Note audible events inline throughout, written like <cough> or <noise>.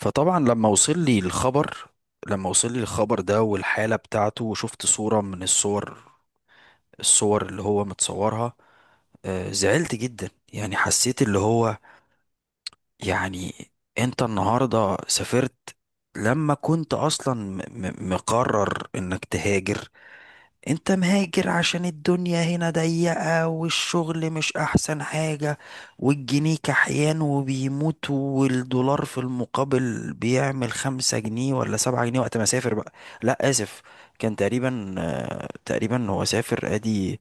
فطبعا، لما وصل لي الخبر ده، والحالة بتاعته، وشفت صورة من الصور اللي هو متصورها. زعلت جدا، يعني حسيت اللي هو يعني. انت النهاردة سافرت لما كنت اصلا مقرر انك تهاجر. انت مهاجر عشان الدنيا هنا ضيقة، والشغل مش احسن حاجة، والجنيه كحيان وبيموت، والدولار في المقابل بيعمل 5 جنيه ولا 7 جنيه وقت ما سافر بقى. لا، اسف. كان تقريبا هو سافر ادي.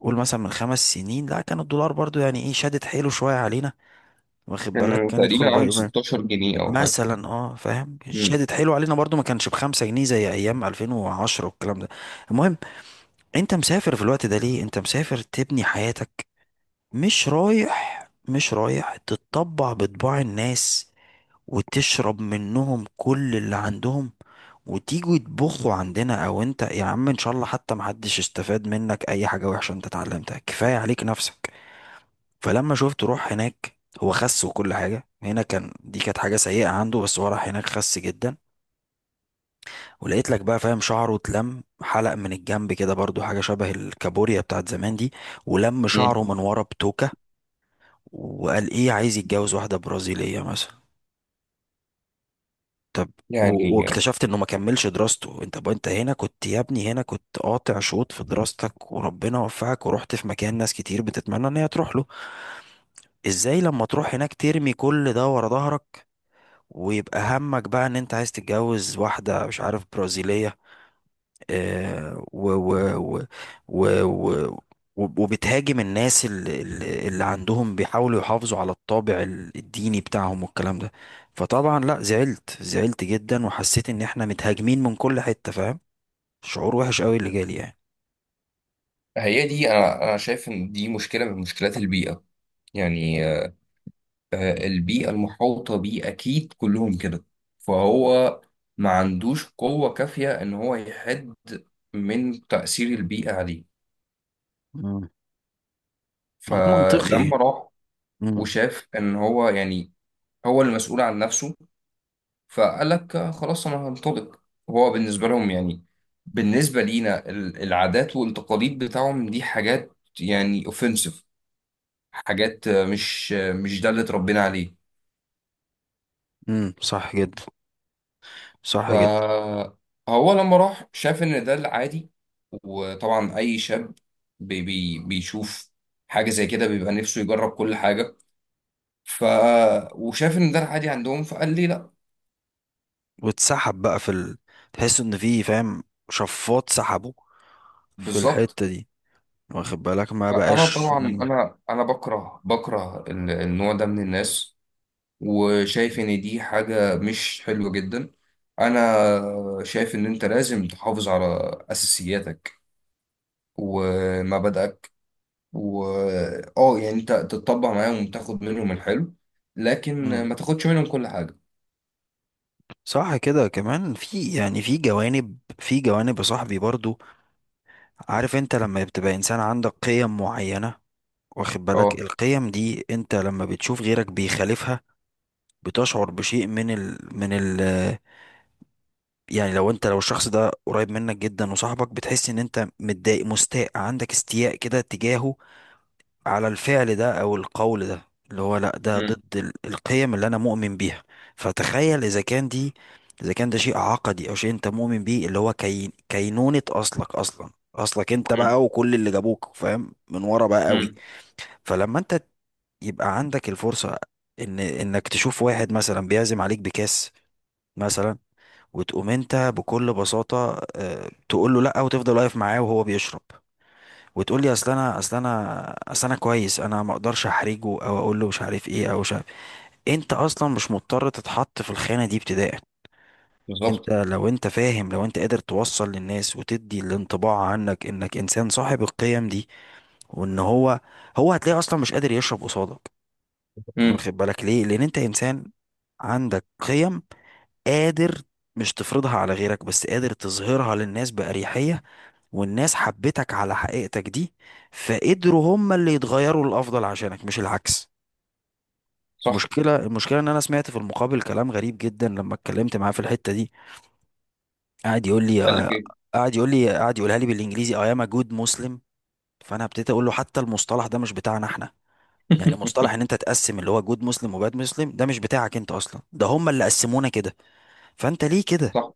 قول مثلا من 5 سنين، لا، كان الدولار برضو يعني ايه، شادت حيله شوية علينا. واخد بالك كان كان يدخل تقريبا عامل بقى- 16 جنيه او حاجه. مثلا، اه، فاهم، امم شادت حيله علينا برضو، ما كانش بـ5 جنيه زي ايام 2010 والكلام ده. المهم، انت مسافر في الوقت ده ليه؟ انت مسافر تبني حياتك. مش رايح تتطبع بطباع الناس، وتشرب منهم كل اللي عندهم، وتيجوا يطبخوا عندنا. او انت يا عم، ان شاء الله حتى محدش استفاد منك اي حاجة وحشة انت اتعلمتها، كفاية عليك نفسك. فلما شفت، روح هناك هو خس، وكل حاجة هنا كان، دي كانت حاجة سيئة عنده، بس هو راح هناك خس جدا. ولقيت لك بقى، فاهم، شعره اتلم، حلق من الجنب كده برضو، حاجة شبه الكابوريا بتاعت زمان دي. ولم امم شعره من ورا بتوكة، وقال ايه، عايز يتجوز واحدة برازيلية مثلا. طب. يعني واكتشفت انه ما كملش دراسته. انت بقى انت هنا كنت يا ابني، هنا كنت قاطع شوط في دراستك وربنا وفقك، ورحت في مكان ناس كتير بتتمنى ان هي تروح له. ازاي لما تروح هناك ترمي كل ده ورا ظهرك، ويبقى همك بقى ان انت عايز تتجوز واحدة مش عارف برازيلية؟ آه، و و و و و وبتهاجم الناس اللي عندهم بيحاولوا يحافظوا على الطابع الديني بتاعهم والكلام ده. فطبعا لا، زعلت جدا، وحسيت ان احنا متهاجمين من كل حتة، فاهم، شعور وحش قوي اللي جالي يعني. هي دي، انا شايف ان دي مشكله من مشكلات البيئه. يعني البيئه المحاوطه بيه اكيد كلهم كده، فهو ما عندوش قوه كافيه ان هو يحد من تاثير البيئه عليه. مم. منطقي. فلما راح امم. وشاف ان هو يعني هو المسؤول عن نفسه، فقال لك خلاص انا هنطلق. هو بالنسبه لهم، يعني بالنسبه لينا العادات والتقاليد بتاعهم دي حاجات يعني اوفنسيف. حاجات مش ده اللي اتربينا عليه. امم، صح جدا، صح جدا. فهو لما راح شاف ان ده العادي، وطبعا اي شاب بي بي بيشوف حاجه زي كده بيبقى نفسه يجرب كل حاجه. ف وشاف ان ده العادي عندهم، فقال لي لا. واتسحب بقى تحس ان في، فاهم، شفاط سحبه في بالظبط. الحتة دي، واخد بالك، ما فانا بقاش. طبعا انا بكره النوع ده من الناس، وشايف ان دي حاجة مش حلوة جدا. انا شايف ان انت لازم تحافظ على اساسياتك ومبادئك، و اه يعني انت تتطبع معاهم وتاخد منهم الحلو، لكن امم، ما تاخدش منهم كل حاجة. صح كده كمان. في يعني، في جوانب يا صاحبي برضو. عارف، انت لما بتبقى انسان عندك قيم معينة، واخد بالك، اه القيم دي انت لما بتشوف غيرك بيخالفها، بتشعر بشيء من ال يعني لو انت، لو الشخص ده قريب منك جدا وصاحبك، بتحس ان انت متضايق، مستاء، عندك استياء كده تجاهه، على الفعل ده او القول ده، اللي هو لا، ده مم. ضد القيم اللي انا مؤمن بيها. فتخيل اذا كان دي، اذا كان ده شيء عقدي، او شيء انت مؤمن بيه، اللي هو كينونة اصلك انت مم. بقى، وكل اللي جابوك، فاهم، من ورا بقى قوي. مم. فلما انت يبقى عندك الفرصة ان انك تشوف واحد مثلا بيعزم عليك بكاس مثلا، وتقوم انت بكل بساطة، تقول له لا، وتفضل واقف معاه وهو بيشرب، وتقول لي اصل انا كويس، انا ما اقدرش احرجه، او اقول له مش عارف ايه، او مش عارف إيه. انت اصلا مش مضطر تتحط في الخانه دي ابتداء. انت بالظبط. لو انت، فاهم، لو انت قادر توصل للناس وتدي الانطباع عنك انك انسان صاحب القيم دي، وان هو هتلاقيه اصلا مش قادر يشرب قصادك. امم واخد بالك ليه؟ لان انت انسان عندك قيم، قادر، مش تفرضها على غيرك بس قادر تظهرها للناس بأريحية، والناس حبتك على حقيقتك دي، فقدروا هم اللي يتغيروا للأفضل عشانك مش العكس. صح. المشكلة إن أنا سمعت في المقابل كلام غريب جدا لما اتكلمت معاه في الحتة دي. قعد يقول لي قال لك آه، ايه؟ قعد يقول لي قعد يقولها لي بالإنجليزي: I am a good Muslim. فأنا ابتديت أقول له حتى المصطلح ده مش بتاعنا إحنا. يعني مصطلح إن <laughs> أنت تقسم اللي هو جود مسلم وباد مسلم، ده مش بتاعك أنت أصلا، ده هم اللي قسمونا كده. فأنت ليه كده؟ صح.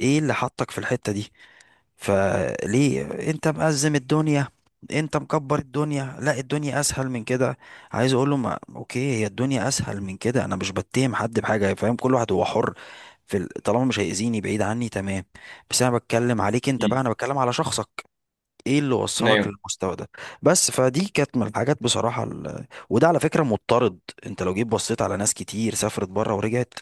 إيه اللي حطك في الحتة دي؟ فليه انت مأزم الدنيا، انت مكبر الدنيا، لا، الدنيا اسهل من كده. عايز اقول له، ما اوكي، هي الدنيا اسهل من كده، انا مش بتهم حد بحاجه، فاهم، كل واحد هو حر في طالما مش هيأذيني بعيد عني، تمام. بس انا بتكلم عليك انت بقى، مم. انا بتكلم على شخصك. ايه اللي وصلك ايوه، للمستوى ده؟ بس فدي كانت من الحاجات، بصراحه، وده على فكره مضطرد. انت لو جيت بصيت على ناس كتير سافرت بره ورجعت،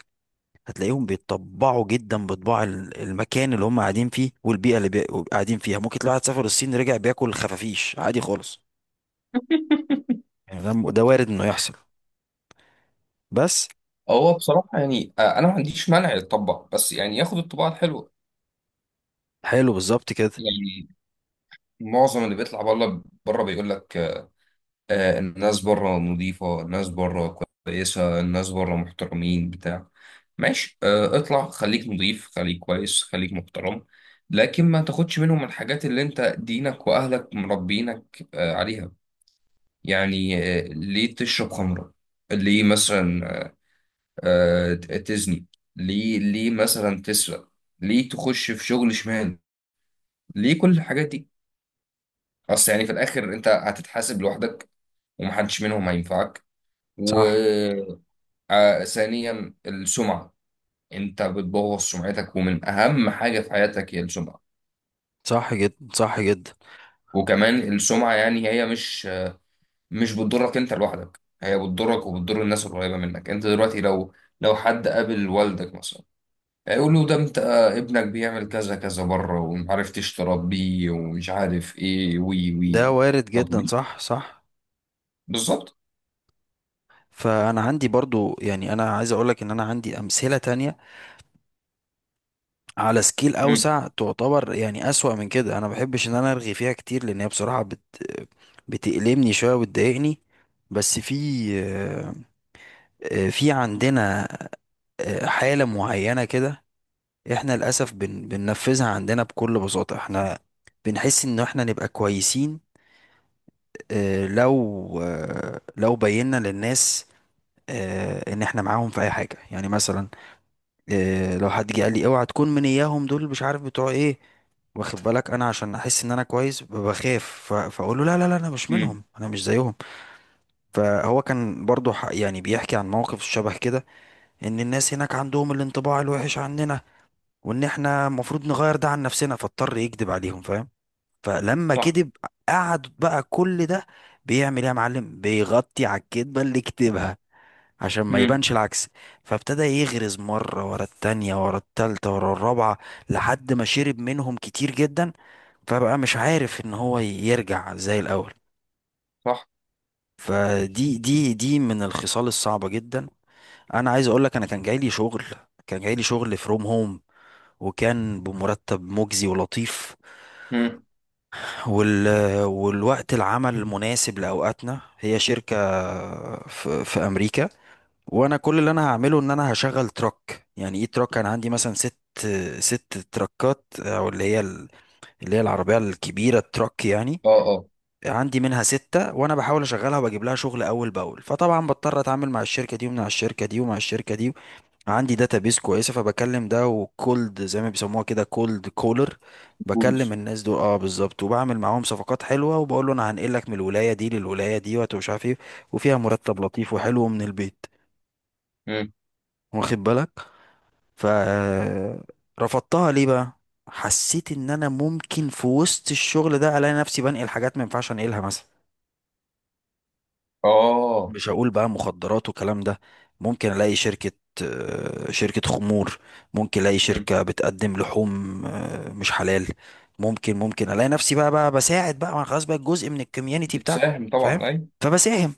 هتلاقيهم بيتطبعوا جدا بطباع المكان اللي هم قاعدين فيه، والبيئة اللي قاعدين فيها. ممكن تلاقي واحد سافر الصين رجع بياكل خفافيش عادي خالص، يعني ده وارد انه يحصل. بس. هو بصراحة يعني أنا ما عنديش مانع يتطبع، بس يعني ياخد الطباعة الحلوة. حلو، بالظبط كده. يعني معظم اللي بيطلع بره بره بيقول لك الناس بره نظيفة، الناس بره كويسة، الناس بره محترمين بتاع. ماشي، اطلع خليك نظيف، خليك كويس، خليك محترم، لكن ما تاخدش منهم الحاجات اللي انت دينك واهلك مربينك عليها. يعني ليه تشرب خمرة؟ ليه مثلا تزني؟ ليه مثلا تسرق؟ ليه تخش في شغل شمال؟ ليه كل الحاجات دي؟ اصل يعني في الاخر انت هتتحاسب لوحدك، ومحدش منهم هينفعك، و... صح، ثانيا السمعة. انت بتبوظ سمعتك، ومن اهم حاجة في حياتك هي السمعة. صح جدا، صح جدا. وكمان السمعة يعني هي مش بتضرك انت لوحدك، هي بتضرك وبتضر الناس القريبة منك. انت دلوقتي لو حد قابل والدك مثلا، هيقول له ده انت، ابنك بيعمل كذا كذا بره، ومعرفتش تربيه، ومش عارف ايه، وي وي ده وي. وارد طب جدا، ليه؟ صح، صح. بالظبط. فانا عندي برضو، يعني انا عايز اقولك ان انا عندي امثلة تانية على سكيل مم، اوسع، تعتبر يعني اسوأ من كده، انا ما بحبش ان انا ارغي فيها كتير لان هي بصراحة بتألمني شوية وتضايقني. بس في عندنا، حالة معينة كده. احنا للأسف بننفذها عندنا بكل بساطة، احنا بنحس ان احنا نبقى كويسين، لو بينا للناس، ان احنا معاهم في اي حاجة، يعني مثلا، لو حد جه قال لي اوعى تكون من اياهم دول مش عارف بتوع ايه. واخد بالك، انا عشان احس ان انا كويس، بخاف، فاقول له لا لا لا، انا مش مم، منهم انا مش زيهم. فهو كان برضو يعني بيحكي عن موقف شبه كده، ان الناس هناك عندهم الانطباع الوحش عننا، وان احنا المفروض نغير ده عن نفسنا، فاضطر يكذب عليهم، فاهم. فلما صح، كذب، قعد بقى كل ده بيعمل ايه يا معلم؟ بيغطي على الكذبة اللي كتبها عشان ما مم، يبانش العكس. فابتدى يغرز مرة ورا التانية، ورا التالتة، ورا الرابعة، لحد ما شرب منهم كتير جدا، فبقى مش عارف ان هو يرجع زي الاول. صح. فدي دي دي من الخصال الصعبة جدا. انا عايز اقول لك، انا كان جاي لي شغل فروم هوم، وكان بمرتب مجزي ولطيف، مم. وال... والوقت العمل مناسب لأوقاتنا. هي شركة في أمريكا، وأنا كل اللي أنا هعمله إن أنا هشغل تراك. يعني إيه تراك؟ أنا عندي مثلا ست تراكات، أو اللي هي العربية الكبيرة التراك يعني. اه اه. عندي منها ستة، وأنا بحاول أشغلها وبجيب لها شغل أول بأول. فطبعا بضطر أتعامل مع الشركة دي ومع الشركة دي ومع الشركة دي. عندي داتابيس كويسه، فبكلم ده وكولد زي ما بيسموها كده كولد كولر، بكلم تولز. الناس دول، اه بالظبط، وبعمل معاهم صفقات حلوه، وبقول له انا هنقلك من الولايه دي للولايه دي، ومش عارف ايه، وفيها مرتب لطيف وحلو من البيت، مم. واخد بالك. ف رفضتها ليه بقى؟ حسيت ان انا ممكن في وسط الشغل ده الاقي نفسي بنقل حاجات ما ينفعش انقلها، مثلا، اه. مش هقول بقى مخدرات وكلام ده. ممكن الاقي شركة، شركة خمور، ممكن الاقي مم. شركة بتقدم لحوم، مش حلال. ممكن الاقي نفسي بقى بساعد بقى، ما أنا خلاص بقى جزء من الكوميونتي بتاعكم، بتساهم فاهم، طبعا اي. فبساهم.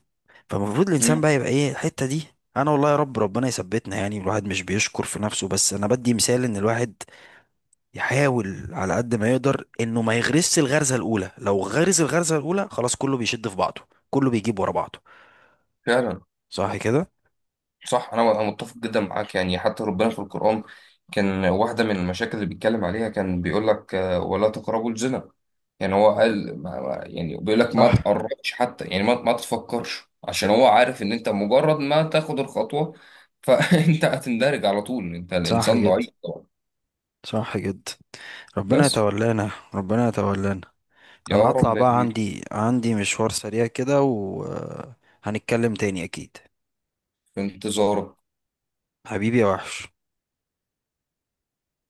فالمفروض الانسان مم. بقى يبقى ايه الحتة دي. انا والله يا رب، ربنا يثبتنا. يعني الواحد مش بيشكر في نفسه، بس انا بدي مثال ان الواحد يحاول على قد ما يقدر انه ما يغرسش الغرزة الاولى. لو غرس الغرزة الاولى، خلاص، كله بيشد في بعضه، كله بيجيب ورا بعضه. فعلا. صح كده. صح، انا متفق جدا معاك. يعني حتى ربنا في القرآن، كان واحدة من المشاكل اللي بيتكلم عليها، كان بيقول لك ولا تقربوا الزنا. يعني هو قال يعني بيقول لك ما صح، تقربش حتى، يعني ما تفكرش، عشان هو عارف ان انت مجرد ما تاخد الخطوة، فانت <laughs> هتندرج على طول. انت صح الانسان جدا، ضعيف طبعا. صح جدا. ربنا بس، يتولانا، ربنا يتولانا. يا انا هطلع رب يا بقى، كبير. عندي مشوار سريع كده، وهنتكلم تاني اكيد. في انتظارك. حبيبي يا وحش.